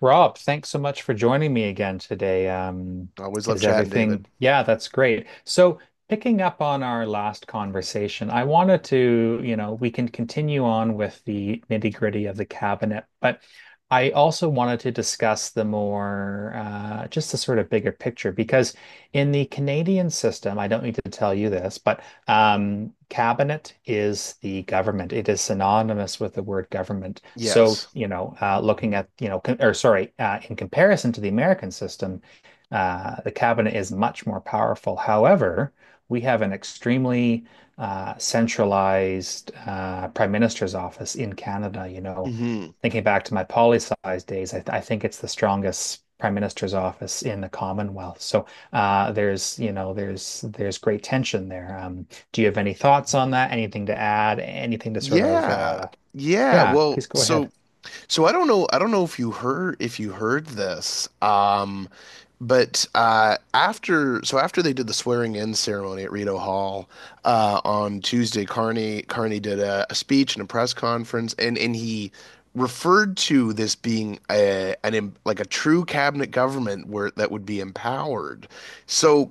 Rob, thanks so much for joining me again today. I always love Is chatting, everything? David. Yeah, that's great. So, picking up on our last conversation, I wanted to, you know, we can continue on with the nitty-gritty of the cabinet, but I also wanted to discuss the more, just the sort of bigger picture, because in the Canadian system, I don't need to tell you this, but cabinet is the government. It is synonymous with the word government. So, Yes. you know, looking at, you know, in comparison to the American system, the cabinet is much more powerful. However, we have an extremely centralized prime minister's office in Canada. You know, Hmm. thinking back to my poli sci's days, I think it's the strongest prime minister's office in the Commonwealth. So there's, you know, there's great tension there. Do you have any thoughts on that? Anything to add? Anything to sort of, Yeah. Yeah. yeah, Well, please go ahead. so I don't know if you heard this. But after so after they did the swearing in ceremony at Rito Hall on Tuesday, Carney did a speech and a press conference and he referred to this being like a true cabinet government where that would be empowered. So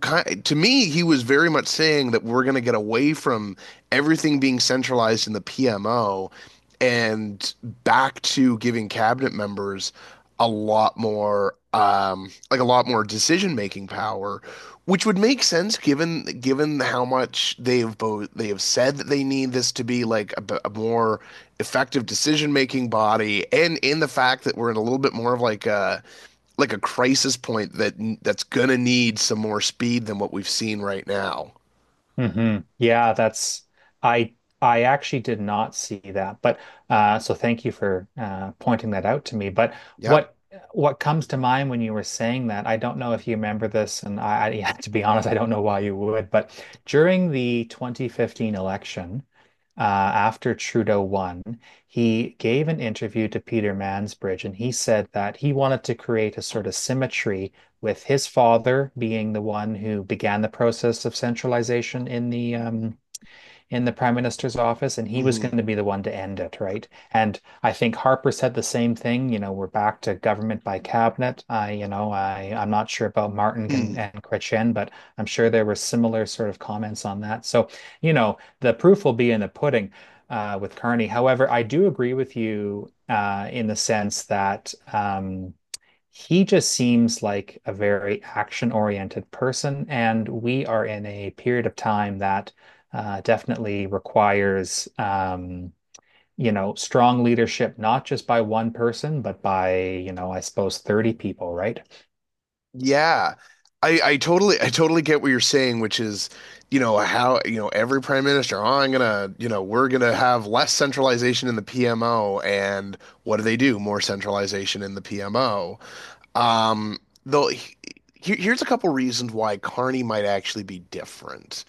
to me, he was very much saying that we're going to get away from everything being centralized in the PMO and back to giving cabinet members a lot more like a lot more decision making power, which would make sense given how much they have said that they need this to be like a more effective decision making body, and in the fact that we're in a little bit more of like a crisis point that's gonna need some more speed than what we've seen right now. Hmm Yeah, that's I I actually did not see that. But so thank you for pointing that out to me. But Yep. what what comes to mind when you were saying that, I don't know if you remember this, and I yeah, to be honest, I don't know why you would, but during the 2015 election, after Trudeau won, he gave an interview to Peter Mansbridge, and he said that he wanted to create a sort of symmetry with his father being the one who began the process of centralization in the prime minister's office, and he was Hmm. going to be the one to end it, right? And I think Harper said the same thing. You know, we're back to government by cabinet. I, you know, I'm not sure about Martin and, Hmm. and Kretchen, but I'm sure there were similar sort of comments on that. So, you know, the proof will be in the pudding. With Carney. However, I do agree with you in the sense that he just seems like a very action-oriented person, and we are in a period of time that definitely requires, you know, strong leadership, not just by one person, but by, you know, I suppose 30 people, right? Yeah. I totally get what you're saying, which is, how every prime minister, oh, I'm gonna, we're gonna have less centralization in the PMO, and what do they do? More centralization in the PMO. Um, though, here's a couple reasons why Carney might actually be different.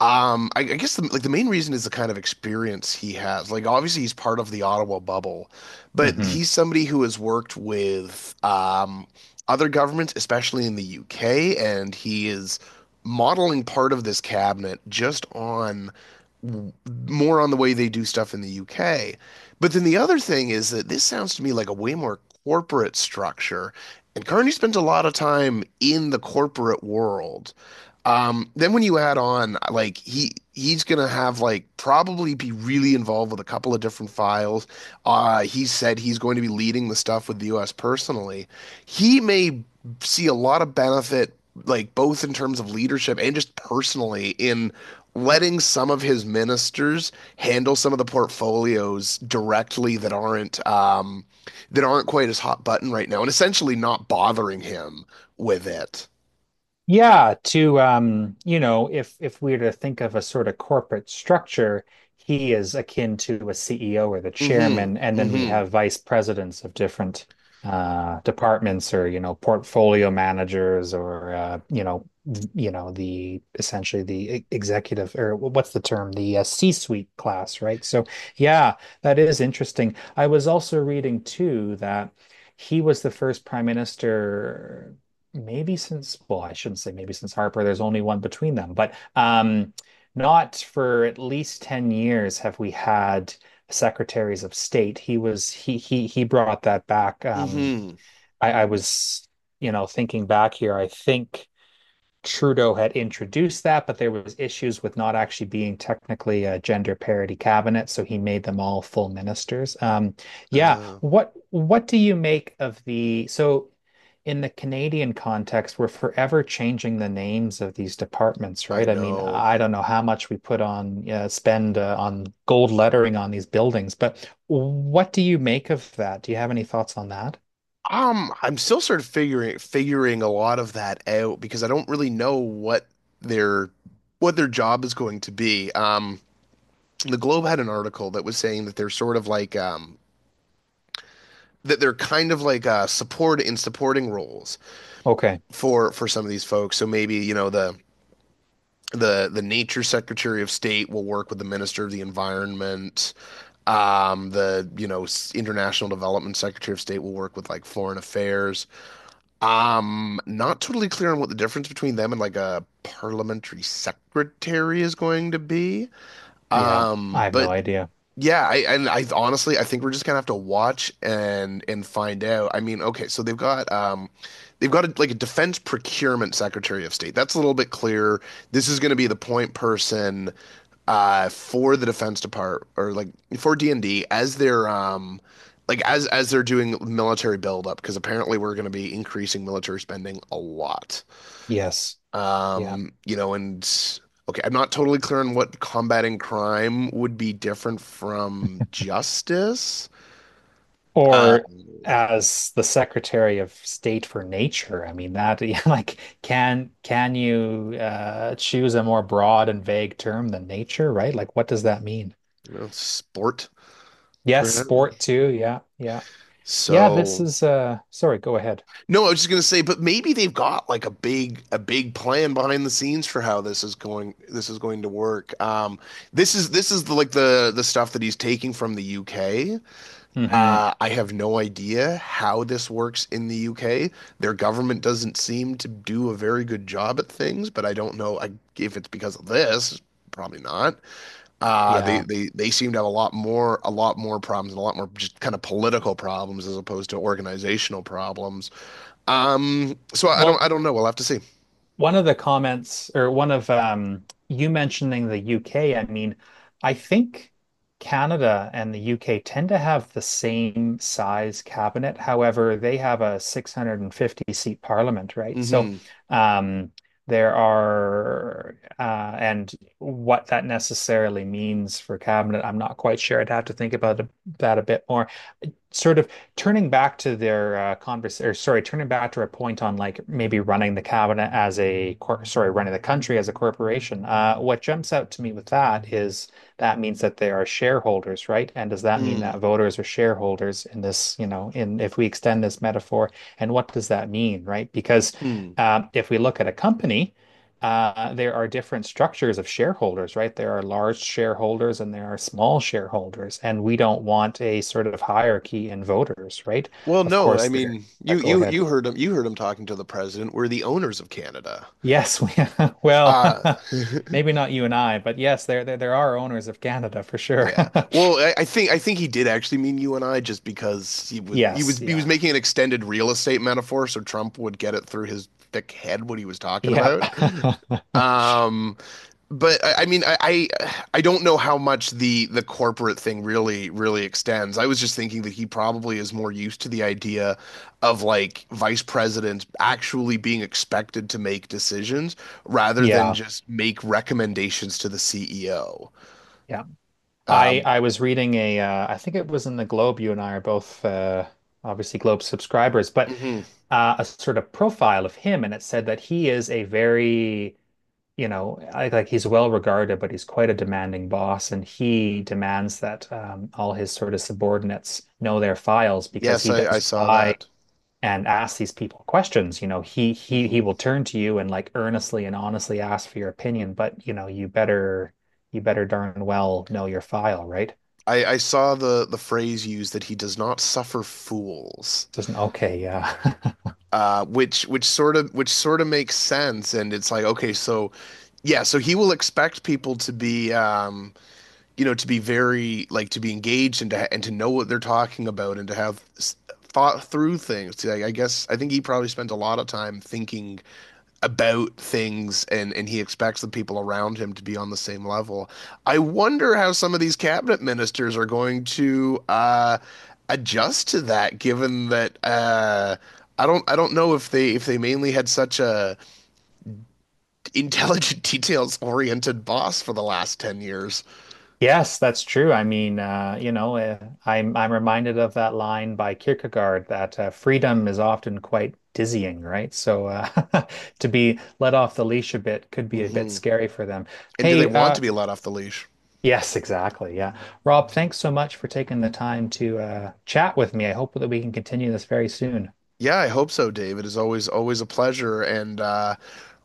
I guess like the main reason is the kind of experience he has. Like obviously he's part of the Ottawa bubble, but Mhm. he's somebody who has worked with other governments, especially in the UK, and he is modeling part of this cabinet just on more on the way they do stuff in the UK. But then the other thing is that this sounds to me like a way more corporate structure, and Carney spent a lot of time in the corporate world. Then when you add on, like he's gonna have like probably be really involved with a couple of different files. He said he's going to be leading the stuff with the US personally. He may see a lot of benefit, like both in terms of leadership and just personally, in letting some of his ministers handle some of the portfolios directly that aren't quite as hot button right now, and essentially not bothering him with it. Yeah, to you know, if we were to think of a sort of corporate structure, he is akin to a CEO or the Hmm. chairman, and then we Hmm. have vice presidents of different departments, or you know portfolio managers, or you know you know the essentially the executive, or what's the term, the C-suite class, right? So yeah, that is interesting. I was also reading too that he was the first prime minister maybe since, well, I shouldn't say, maybe since Harper, there's only one between them, but not for at least 10 years have we had secretaries of state. He was he brought that back. Um, Mm-hmm. I, I was, you know, thinking back here, I think Trudeau had introduced that, but there was issues with not actually being technically a gender parity cabinet, so he made them all full ministers. Yeah, Uh, what do you make of the so in the Canadian context, we're forever changing the names of these departments, I right? I mean, know. I don't know how much we put on, spend on gold lettering on these buildings, but what do you make of that? Do you have any thoughts on that? I'm still sort of figuring a lot of that out because I don't really know their what their job is going to be. The Globe had an article that was saying that they're sort of like that they're kind of like supporting roles Okay. for some of these folks. So maybe, the nature secretary of state will work with the minister of the environment. The, you know, s- international development secretary of state will work with like foreign affairs. Not totally clear on what the difference between them and like a parliamentary secretary is going to be. Yeah, I Um, have no but idea. yeah, I and I honestly I think we're just gonna have to watch and find out. I mean, okay, so they've got like a defense procurement secretary of state. That's a little bit clearer. This is gonna be the point person for the defense department or like for D&D as they're like as they're doing military buildup because apparently we're gonna be increasing military spending a lot. Yes. Yeah. And okay, I'm not totally clear on what combating crime would be different from justice. Uh, Or as the Secretary of State for Nature, I mean that like can you choose a more broad and vague term than nature, right? Like what does that mean? sport, Yes, perhaps. sport too. Yeah, yeah. Yeah, this So, is sorry, go ahead. no, I was just gonna say, but maybe they've got like a big plan behind the scenes for how this is going to work. This is the, like the stuff that he's taking from the UK. Hmm I have no idea how this works in the UK. Their government doesn't seem to do a very good job at things, but I don't know I, if it's because of this. Probably not. Uh, they, Yeah. they they seem to have a lot more problems and a lot more just kind of political problems as opposed to organizational problems. So I don't Well, I don't know. We'll have to see. one of the comments, or one of you mentioning the UK, I mean, I think Canada and the UK tend to have the same size cabinet. However, they have a 650 seat parliament, right? So, Hmm. um there are and what that necessarily means for cabinet, I'm not quite sure. I'd have to think about that a bit more. Sort of turning back to their turning back to a point on like maybe running the cabinet as a running the country as a corporation. What jumps out to me with that is that means that they are shareholders, right? And does that mean Hmm. that voters are shareholders in this, you know, in if we extend this metaphor, and what does that mean, right? Because Hmm. If we look at a company, there are different structures of shareholders, right? There are large shareholders and there are small shareholders, and we don't want a sort of hierarchy in voters, right? Well, Of no, course, I there. mean you Go you ahead. you heard him talking to the president. We're the owners of Canada. Yes, we, well, Uh maybe not you and I, but yes, there are owners of Canada for sure. Yeah. Well, I think he did actually mean you and I just because he was he Yes, was he was yeah, making an extended real estate metaphor so Trump would get it through his thick head what he was talking yep, about. Um, but I mean I don't know how much the corporate thing really really extends. I was just thinking that he probably is more used to the idea of like vice presidents actually being expected to make decisions rather than yeah, just make recommendations to the CEO. yeah. I Um, I was reading a, I think it was in the Globe. You and I are both obviously Globe subscribers, but mhm. A sort of profile of him, and it said that he is a very, you know, like he's well regarded, but he's quite a demanding boss, and he demands that all his sort of subordinates know their files because Yes, he I does saw rely that. and ask these people questions. You know, he Hmm. will turn to you and like earnestly and honestly ask for your opinion, but you know, you better darn well know your file, right? I saw the phrase used that he does not suffer fools, Doesn't, okay, yeah. Which sort of makes sense. And it's like, okay, so he will expect people to be very like to be engaged and to know what they're talking about and to have thought through things like, I think he probably spent a lot of time thinking about things and he expects the people around him to be on the same level. I wonder how some of these cabinet ministers are going to adjust to that given that I don't know if they mainly had such a intelligent details oriented boss for the last 10 years. Yes, that's true. I mean, you know, I'm reminded of that line by Kierkegaard that freedom is often quite dizzying, right? So to be let off the leash a bit could be a bit Hmm. scary for them. And do they Hey, want to be let off the leash? yes, exactly. Yeah. Rob, thanks so much for taking the time to chat with me. I hope that we can continue this very soon. Yeah, I hope so, Dave. It is always always a pleasure. And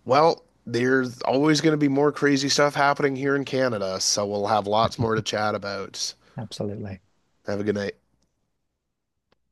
well, there's always going to be more crazy stuff happening here in Canada, so we'll have lots more to chat about. Absolutely. Have a good night.